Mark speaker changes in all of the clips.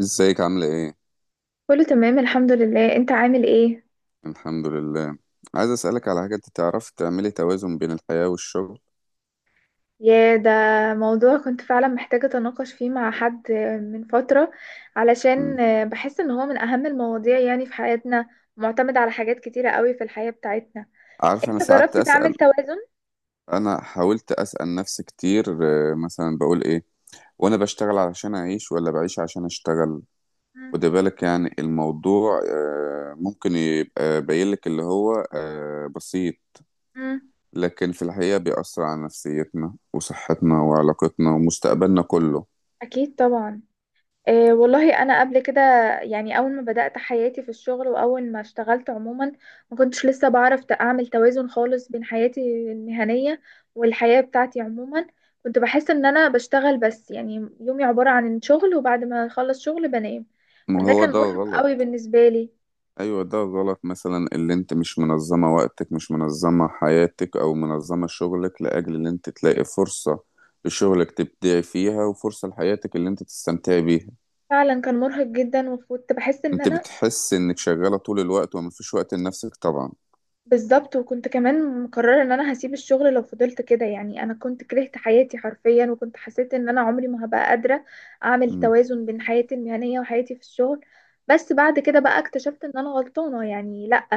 Speaker 1: ازيك عاملة ايه؟
Speaker 2: كله تمام، الحمد لله. انت عامل ايه؟
Speaker 1: الحمد لله. عايز اسألك على حاجة، انت تعرفي تعملي توازن بين الحياة والشغل؟
Speaker 2: يا ده موضوع كنت فعلا محتاجة اتناقش فيه مع حد من فترة، علشان
Speaker 1: مم.
Speaker 2: بحس ان هو من اهم المواضيع يعني في حياتنا، معتمد على حاجات كتيرة قوي في الحياة بتاعتنا.
Speaker 1: عارفة، انا
Speaker 2: انت
Speaker 1: ساعات
Speaker 2: جربت تعمل
Speaker 1: اسأل،
Speaker 2: توازن؟
Speaker 1: انا حاولت اسأل نفسي كتير. مثلا بقول ايه، وانا بشتغل علشان اعيش ولا بعيش عشان اشتغل؟
Speaker 2: مم.
Speaker 1: خدي بالك، يعني الموضوع ممكن يبقى باين لك اللي هو بسيط،
Speaker 2: مم.
Speaker 1: لكن في الحقيقة بيأثر على نفسيتنا وصحتنا وعلاقتنا ومستقبلنا كله.
Speaker 2: اكيد طبعا. إيه والله انا قبل كده يعني اول ما بدأت حياتي في الشغل واول ما اشتغلت عموما، ما كنتش لسه بعرف اعمل توازن خالص بين حياتي المهنية والحياة بتاعتي عموما. كنت بحس ان انا بشتغل بس، يعني يومي عبارة عن شغل، وبعد ما اخلص شغل بنام.
Speaker 1: ما
Speaker 2: فده
Speaker 1: هو
Speaker 2: كان
Speaker 1: ده
Speaker 2: مرهق
Speaker 1: غلط.
Speaker 2: قوي بالنسبة لي.
Speaker 1: ايوه ده غلط، مثلا اللي انت مش منظمة وقتك، مش منظمة حياتك، او منظمة شغلك لاجل ان انت تلاقي فرصة لشغلك تبدعي فيها، وفرصة لحياتك اللي انت تستمتعي بيها.
Speaker 2: فعلا كان مرهق جدا وكنت بحس ان
Speaker 1: انت
Speaker 2: انا
Speaker 1: بتحس انك شغالة طول الوقت ومفيش وقت لنفسك طبعا.
Speaker 2: بالظبط، وكنت كمان مقررة ان انا هسيب الشغل لو فضلت كده. يعني انا كنت كرهت حياتي حرفيا، وكنت حسيت ان انا عمري ما هبقى قادرة اعمل
Speaker 1: مم.
Speaker 2: توازن بين حياتي المهنية وحياتي في الشغل. بس بعد كده بقى اكتشفت ان انا غلطانة، يعني لا.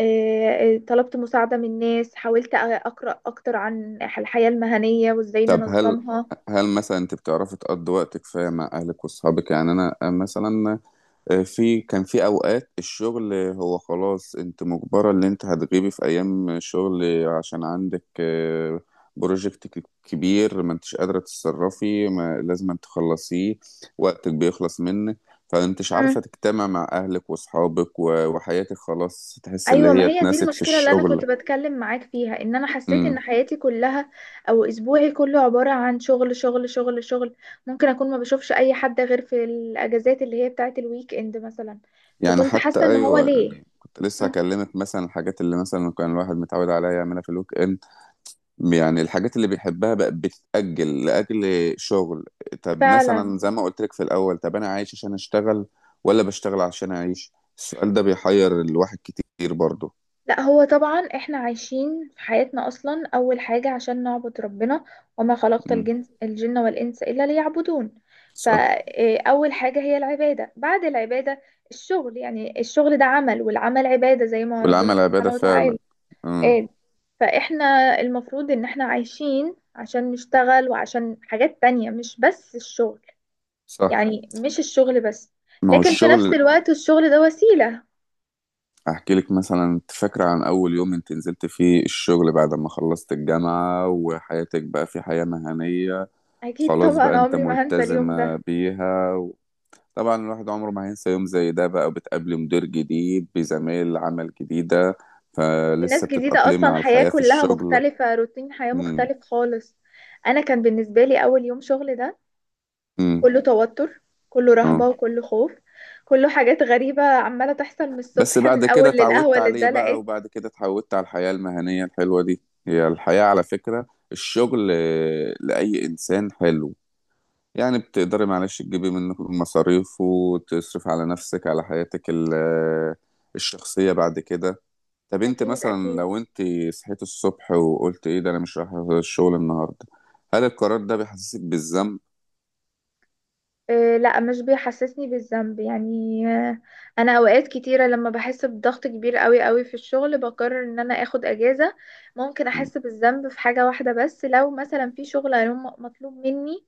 Speaker 2: طلبت مساعدة من ناس، حاولت اقرأ اكتر عن الحياة المهنية وازاي
Speaker 1: طب هل
Speaker 2: ننظمها.
Speaker 1: هل مثلا انت بتعرفي تقضي وقتك فيها مع اهلك واصحابك؟ يعني انا مثلا، في كان في اوقات الشغل، هو خلاص انت مجبرة ان انت هتغيبي في ايام شغل عشان عندك بروجكت كبير، ما انتش قادرة تتصرفي، ما لازم أن تخلصيه، وقتك بيخلص منك. فانتش عارفة تجتمع مع اهلك واصحابك وحياتك خلاص، تحس اللي
Speaker 2: ايوه، ما
Speaker 1: هي
Speaker 2: هي دي
Speaker 1: اتنست في
Speaker 2: المشكله اللي انا
Speaker 1: الشغل.
Speaker 2: كنت بتكلم معاك فيها، ان انا حسيت
Speaker 1: امم.
Speaker 2: ان حياتي كلها او اسبوعي كله عباره عن شغل شغل شغل شغل. ممكن اكون ما بشوفش اي حد غير في الاجازات اللي هي بتاعه الويك اند مثلا.
Speaker 1: يعني
Speaker 2: فكنت
Speaker 1: حتى
Speaker 2: حاسه ان هو
Speaker 1: ايوه،
Speaker 2: ليه.
Speaker 1: يعني كنت لسه
Speaker 2: مم.
Speaker 1: هكلمك مثلا الحاجات اللي مثلا كان الواحد متعود عليها يعملها في الويك اند، يعني الحاجات اللي بيحبها بقت بتتأجل لأجل شغل. طب
Speaker 2: فعلا.
Speaker 1: مثلا زي ما قلت لك في الأول، طب أنا عايش عشان أشتغل، ولا بشتغل عشان أعيش؟ السؤال ده بيحير الواحد كتير برضه.
Speaker 2: لا هو طبعا احنا عايشين في حياتنا اصلا اول حاجة عشان نعبد ربنا، وما خلقت
Speaker 1: مم.
Speaker 2: الجن والانس الا ليعبدون.
Speaker 1: صح.
Speaker 2: فاول حاجة هي العبادة. بعد العبادة الشغل. يعني الشغل ده عمل، والعمل عبادة زي ما
Speaker 1: والعمل
Speaker 2: ربنا
Speaker 1: عبادة
Speaker 2: سبحانه
Speaker 1: فعلا.
Speaker 2: وتعالى
Speaker 1: مم.
Speaker 2: قال. فاحنا المفروض ان احنا عايشين عشان نشتغل وعشان حاجات تانية، مش بس الشغل.
Speaker 1: صح.
Speaker 2: يعني مش الشغل بس،
Speaker 1: ما هو
Speaker 2: لكن في نفس
Speaker 1: الشغل.
Speaker 2: الوقت الشغل ده وسيلة.
Speaker 1: أحكي لك، مثلا أنت فاكرة عن أول يوم أنت نزلت فيه الشغل بعد ما خلصت الجامعة وحياتك بقى في حياة مهنية؟
Speaker 2: اكيد
Speaker 1: خلاص بقى
Speaker 2: طبعا،
Speaker 1: أنت
Speaker 2: عمري ما هنسى اليوم ده.
Speaker 1: ملتزمة بيها. طبعا الواحد عمره ما هينسى يوم زي ده بقى، وبتقابلي مدير جديد بزمايل عمل جديدة،
Speaker 2: ناس
Speaker 1: فلسه
Speaker 2: جديدة
Speaker 1: بتتأقلمي
Speaker 2: أصلا،
Speaker 1: على
Speaker 2: حياة
Speaker 1: الحياة في
Speaker 2: كلها
Speaker 1: الشغل.
Speaker 2: مختلفة، روتين حياة
Speaker 1: امم.
Speaker 2: مختلف خالص. أنا كان بالنسبة لي أول يوم شغل ده
Speaker 1: امم.
Speaker 2: كله توتر، كله رهبة
Speaker 1: اه.
Speaker 2: وكله خوف، كله حاجات غريبة عمالة تحصل من
Speaker 1: بس
Speaker 2: الصبح، من
Speaker 1: بعد كده
Speaker 2: أول
Speaker 1: اتعودت
Speaker 2: للقهوة اللي
Speaker 1: عليه بقى،
Speaker 2: اتدلقت.
Speaker 1: وبعد كده اتعودت على الحياة المهنية الحلوة دي، هي الحياة على فكرة. الشغل لأي إنسان حلو، يعني بتقدري معلش تجيبي منه مصاريف وتصرف على نفسك، على حياتك الشخصية بعد كده. طب انت
Speaker 2: أكيد
Speaker 1: مثلا
Speaker 2: أكيد.
Speaker 1: لو انت صحيت الصبح وقلت ايه ده، انا مش رايح الشغل النهارده؟ هل القرار ده بيحسسك بالذنب؟
Speaker 2: لا مش بيحسسني بالذنب، يعني انا اوقات كتيره لما بحس بضغط كبير قوي قوي في الشغل بقرر ان انا اخد اجازه. ممكن
Speaker 1: م-
Speaker 2: احس بالذنب في حاجه واحده بس، لو مثلا في شغل مطلوب مني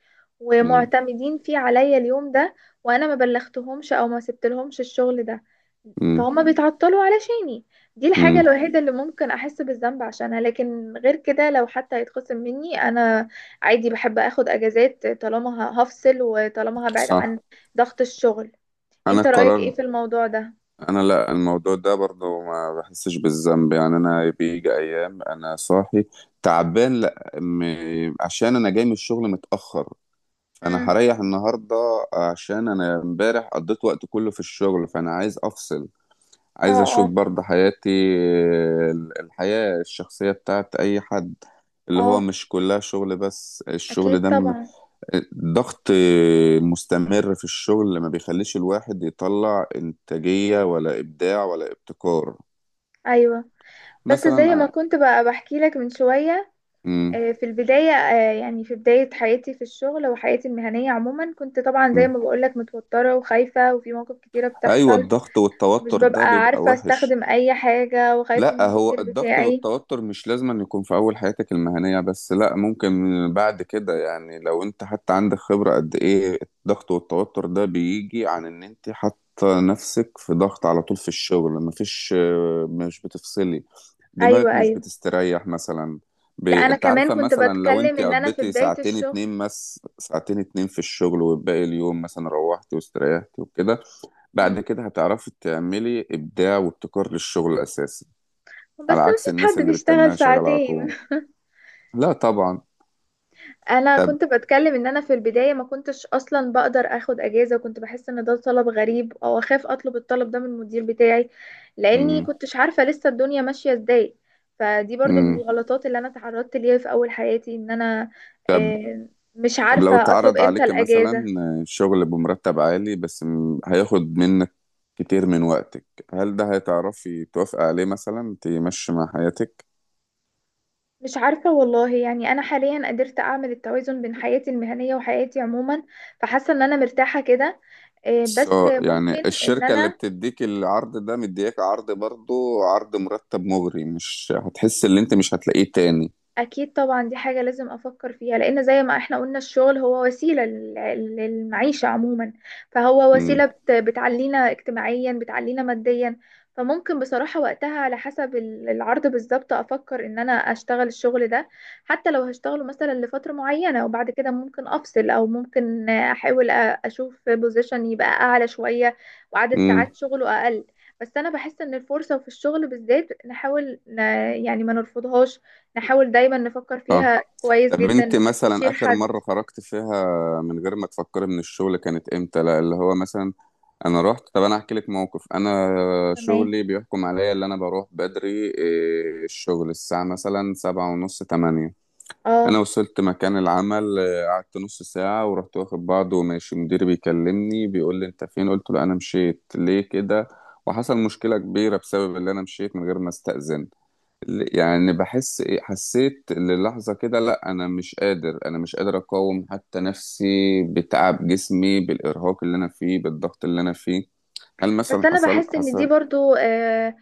Speaker 1: م-
Speaker 2: ومعتمدين فيه عليا اليوم ده، وانا ما بلغتهمش او ما سبتلهمش الشغل ده،
Speaker 1: م-
Speaker 2: فهم بيتعطلوا علشاني. دي الحاجه
Speaker 1: م.
Speaker 2: الوحيده اللي ممكن احس بالذنب عشانها. لكن غير كده، لو حتى هيتخصم مني انا عادي، بحب اخد اجازات طالما هفصل وطالما هبعد
Speaker 1: صح.
Speaker 2: عن ضغط الشغل.
Speaker 1: انا
Speaker 2: انت رأيك
Speaker 1: القرار.
Speaker 2: ايه في الموضوع ده؟
Speaker 1: انا لا، الموضوع ده برضو ما بحسش بالذنب، يعني انا بيجي ايام انا صاحي تعبان لا عشان انا جاي من الشغل متاخر، فانا
Speaker 2: امم.
Speaker 1: هريح النهارده، عشان انا امبارح قضيت وقت كله في الشغل، فانا عايز افصل،
Speaker 2: اه،
Speaker 1: عايز اشوف
Speaker 2: اه.
Speaker 1: برضه حياتي، الحياة الشخصية بتاعت اي حد، اللي هو
Speaker 2: اه.
Speaker 1: مش كلها شغل بس، الشغل
Speaker 2: اكيد
Speaker 1: ده
Speaker 2: طبعا.
Speaker 1: ضغط مستمر في الشغل ما بيخليش الواحد يطلع انتاجية ولا ابداع ولا ابتكار.
Speaker 2: ايوه. بس زي
Speaker 1: مثلا
Speaker 2: ما
Speaker 1: أ-
Speaker 2: كنت بقى بحكي لك من شوية،
Speaker 1: م-
Speaker 2: في البداية، يعني في بداية حياتي في الشغل وحياتي المهنية عموما، كنت طبعا
Speaker 1: م.
Speaker 2: زي ما بقولك متوترة وخايفة، وفي مواقف كتيرة
Speaker 1: ايوه،
Speaker 2: بتحصل.
Speaker 1: الضغط
Speaker 2: مش
Speaker 1: والتوتر ده
Speaker 2: ببقى
Speaker 1: بيبقى
Speaker 2: عارفة
Speaker 1: وحش.
Speaker 2: استخدم اي حاجة، وخايفة من
Speaker 1: لا هو
Speaker 2: المدير
Speaker 1: الضغط
Speaker 2: بتاعي.
Speaker 1: والتوتر مش لازم أن يكون في أول حياتك المهنية بس، لا ممكن بعد كده، يعني لو أنت حتى عندك خبرة قد إيه، الضغط والتوتر ده بيجي عن إن أنت حاطة نفسك في ضغط على طول في الشغل، مفيش، مش بتفصلي،
Speaker 2: ايوه،
Speaker 1: دماغك مش
Speaker 2: ايوه.
Speaker 1: بتستريح مثلا.
Speaker 2: لا، انا
Speaker 1: أنت
Speaker 2: كمان
Speaker 1: عارفة،
Speaker 2: كنت
Speaker 1: مثلا لو
Speaker 2: بتكلم
Speaker 1: أنت
Speaker 2: ان انا في
Speaker 1: قضيتي
Speaker 2: بداية
Speaker 1: ساعتين
Speaker 2: الشغل،
Speaker 1: اتنين، بس ساعتين اتنين في الشغل، والباقي اليوم مثلا روحتي واستريحتي وكده، بعد كده هتعرفي تعملي إبداع وابتكار للشغل أساسا،
Speaker 2: بس
Speaker 1: على
Speaker 2: ما
Speaker 1: عكس
Speaker 2: فيش
Speaker 1: الناس
Speaker 2: حد
Speaker 1: اللي
Speaker 2: بيشتغل
Speaker 1: بتتناها شغالة على طول.
Speaker 2: ساعتين.
Speaker 1: لا طبعا.
Speaker 2: انا
Speaker 1: طب.
Speaker 2: كنت بتكلم ان انا في البداية ما كنتش اصلا بقدر اخد اجازة، وكنت بحس ان ده طلب غريب، او اخاف اطلب الطلب ده من المدير بتاعي، لاني
Speaker 1: مم.
Speaker 2: كنتش عارفة لسه الدنيا ماشية ازاي. فدي برضو من
Speaker 1: مم.
Speaker 2: الغلطات اللي انا تعرضت ليها في اول حياتي، ان انا آه، مش
Speaker 1: طب لو
Speaker 2: عارفة اطلب
Speaker 1: اتعرض
Speaker 2: امتى
Speaker 1: عليك مثلا
Speaker 2: الاجازة.
Speaker 1: شغل بمرتب عالي بس هياخد منك كتير من وقتك، هل ده هتعرفي توافقي عليه؟ مثلا تمشي مع حياتك،
Speaker 2: مش عارفة والله، يعني انا حاليا قدرت اعمل التوازن بين حياتي المهنية وحياتي عموما، فحاسة ان انا مرتاحة كده. بس
Speaker 1: سو يعني
Speaker 2: ممكن ان
Speaker 1: الشركة اللي
Speaker 2: انا،
Speaker 1: بتديك العرض ده مدياك عرض، برضو عرض مرتب مغري، مش هتحس ان انت مش هتلاقيه تاني؟
Speaker 2: اكيد طبعا دي حاجة لازم افكر فيها، لان زي ما احنا قلنا الشغل هو وسيلة للمعيشة عموما. فهو
Speaker 1: امم.
Speaker 2: وسيلة بتعلينا اجتماعيا، بتعلينا ماديا. فممكن بصراحة وقتها على حسب العرض بالظبط افكر ان انا اشتغل الشغل ده، حتى لو هشتغله مثلا لفترة معينة، وبعد كده ممكن افصل، او ممكن احاول اشوف بوزيشن يبقى اعلى شوية وعدد
Speaker 1: امم.
Speaker 2: ساعات شغله اقل. بس انا بحس ان الفرصة في الشغل بالذات نحاول يعني ما نرفضهاش، نحاول دايما نفكر
Speaker 1: صح.
Speaker 2: فيها كويس
Speaker 1: طب انت
Speaker 2: جدا،
Speaker 1: مثلا
Speaker 2: نستشير
Speaker 1: اخر
Speaker 2: حد.
Speaker 1: مرة خرجت فيها من غير ما تفكري من الشغل كانت امتى؟ لا اللي هو مثلا انا رحت، طب انا احكي لك موقف، انا
Speaker 2: تمام.
Speaker 1: شغلي بيحكم عليا اللي انا بروح بدري، الشغل الساعة مثلا سبعة ونص تمانية. انا
Speaker 2: اه.
Speaker 1: وصلت مكان العمل، قعدت نص ساعة ورحت واخد بعض وماشي، مديري بيكلمني بيقول لي انت فين، قلت له انا مشيت ليه كده، وحصل مشكلة كبيرة بسبب اللي انا مشيت من غير ما استأذن. يعني بحس حسيت للحظة كده، لا أنا مش قادر، أنا مش قادر أقاوم حتى نفسي، بتعب جسمي بالإرهاق اللي أنا فيه، بالضغط اللي أنا فيه. هل مثلا
Speaker 2: بس انا
Speaker 1: حصل
Speaker 2: بحس ان دي
Speaker 1: حصل
Speaker 2: برضو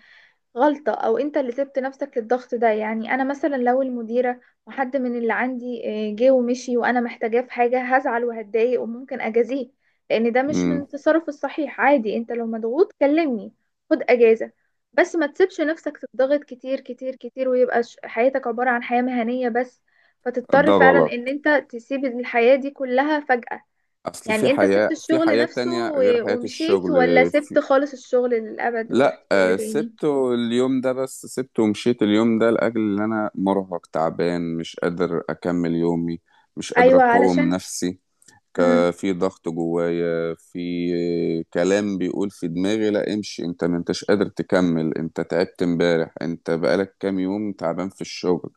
Speaker 2: غلطة، أو أنت اللي سبت نفسك للضغط ده. يعني أنا مثلا لو المديرة وحد من اللي عندي جه ومشي وأنا محتاجاه في حاجة، هزعل وهتضايق وممكن أجازيه، لأن ده مش من
Speaker 1: مم.
Speaker 2: التصرف الصحيح. عادي أنت لو مضغوط كلمني، خد أجازة، بس ما تسيبش نفسك تضغط كتير كتير كتير، ويبقى حياتك عبارة عن حياة مهنية بس، فتضطر
Speaker 1: ده
Speaker 2: فعلا
Speaker 1: غلط،
Speaker 2: إن أنت تسيب الحياة دي كلها فجأة.
Speaker 1: أصل في
Speaker 2: يعني أنت سبت
Speaker 1: حياة، في
Speaker 2: الشغل
Speaker 1: حياة
Speaker 2: نفسه
Speaker 1: تانية غير
Speaker 2: و-
Speaker 1: حياة
Speaker 2: ومشيت
Speaker 1: الشغل.
Speaker 2: ولا
Speaker 1: في...
Speaker 2: سبت خالص الشغل للأبد ورحت
Speaker 1: لا
Speaker 2: شغل تاني؟
Speaker 1: سبته اليوم ده، بس سبته ومشيت اليوم ده لأجل إن أنا مرهق تعبان مش قادر أكمل يومي، مش قادر
Speaker 2: ايوه
Speaker 1: أقاوم
Speaker 2: علشان.
Speaker 1: نفسي.
Speaker 2: امم.
Speaker 1: في ضغط جوايا، في كلام بيقول في دماغي لا امشي، انت ما انتش قادر تكمل، انت تعبت امبارح، انت بقالك كام يوم تعبان في الشغل،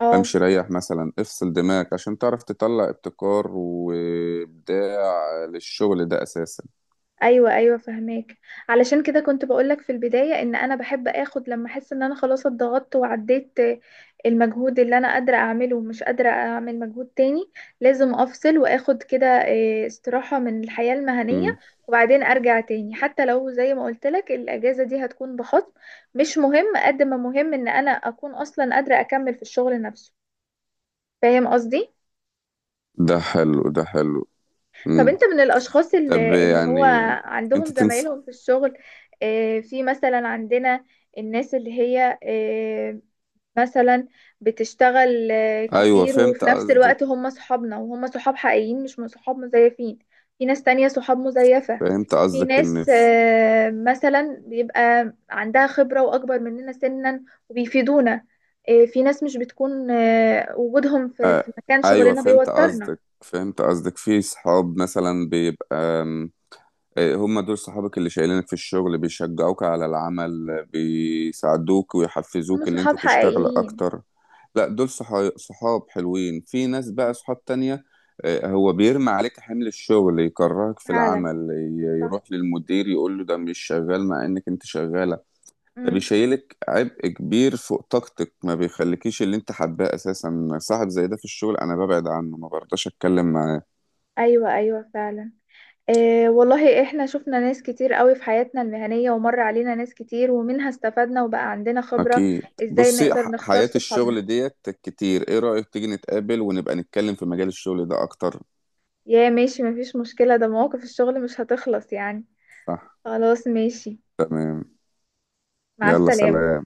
Speaker 2: اه.
Speaker 1: امشي ريح، مثلا افصل دماغك عشان تعرف تطلع ابتكار وابداع للشغل ده اساسا.
Speaker 2: ايوه، ايوه، فهماك. علشان كده كنت بقولك في البدايه ان انا بحب اخد، لما احس ان انا خلاص اتضغطت وعديت المجهود اللي انا قادره اعمله ومش قادره اعمل مجهود تاني، لازم افصل واخد كده استراحه من الحياه المهنيه،
Speaker 1: مم.
Speaker 2: وبعدين ارجع تاني. حتى لو زي ما قلت لك الاجازه دي هتكون بخصم، مش مهم، قد ما مهم ان انا اكون اصلا قادره اكمل في الشغل نفسه. فاهم قصدي؟
Speaker 1: ده حلو ده حلو.
Speaker 2: طب
Speaker 1: مم.
Speaker 2: انت من الاشخاص
Speaker 1: طب
Speaker 2: اللي هو
Speaker 1: يعني انت
Speaker 2: عندهم
Speaker 1: تنسى.
Speaker 2: زمايلهم في الشغل؟ في مثلا عندنا الناس اللي هي مثلا بتشتغل
Speaker 1: ايوه
Speaker 2: كتير،
Speaker 1: فهمت
Speaker 2: وفي نفس
Speaker 1: قصدك
Speaker 2: الوقت هم صحابنا، وهم صحاب حقيقيين مش من صحاب مزيفين. في ناس تانية صحاب مزيفة.
Speaker 1: فهمت
Speaker 2: في
Speaker 1: قصدك ان
Speaker 2: ناس مثلا بيبقى عندها خبرة واكبر مننا سنا وبيفيدونا. في ناس مش بتكون وجودهم في
Speaker 1: آه.
Speaker 2: مكان
Speaker 1: ايوه
Speaker 2: شغلنا
Speaker 1: فهمت
Speaker 2: بيوترنا.
Speaker 1: قصدك فهمت قصدك في صحاب مثلا بيبقى آم، آه، هم دول صحابك اللي شايلينك في الشغل، بيشجعوك على العمل، بيساعدوك
Speaker 2: بيكونوا
Speaker 1: ويحفزوك ان انت
Speaker 2: صحاب
Speaker 1: تشتغل
Speaker 2: حقيقيين.
Speaker 1: اكتر. لا دول صحاب حلوين، في ناس بقى صحاب تانية، هو بيرمي عليك حمل الشغل، يكرهك في
Speaker 2: فعلا،
Speaker 1: العمل،
Speaker 2: صح.
Speaker 1: يروح للمدير يقول له ده مش شغال مع انك انت شغال، ده
Speaker 2: امم.
Speaker 1: بيشيلك عبء كبير فوق طاقتك، ما بيخليكيش اللي انت حباه اساسا، صاحب زي ده في الشغل انا ببعد عنه، ما برضاش اتكلم معاه.
Speaker 2: ايوه، ايوه فعلا. إيه والله احنا شفنا ناس كتير قوي في حياتنا المهنية، ومر علينا ناس كتير، ومنها استفدنا وبقى عندنا خبرة.
Speaker 1: اكيد،
Speaker 2: ازاي
Speaker 1: بصي
Speaker 2: نقدر نختار
Speaker 1: حياة
Speaker 2: صحابنا؟
Speaker 1: الشغل ديت كتير، ايه رأيك تيجي نتقابل ونبقى نتكلم في مجال الشغل ده اكتر؟
Speaker 2: يا ماشي، مفيش مشكلة، ده مواقف الشغل مش هتخلص يعني.
Speaker 1: صح.
Speaker 2: خلاص، ماشي. مع
Speaker 1: يلا
Speaker 2: السلامة.
Speaker 1: سلام.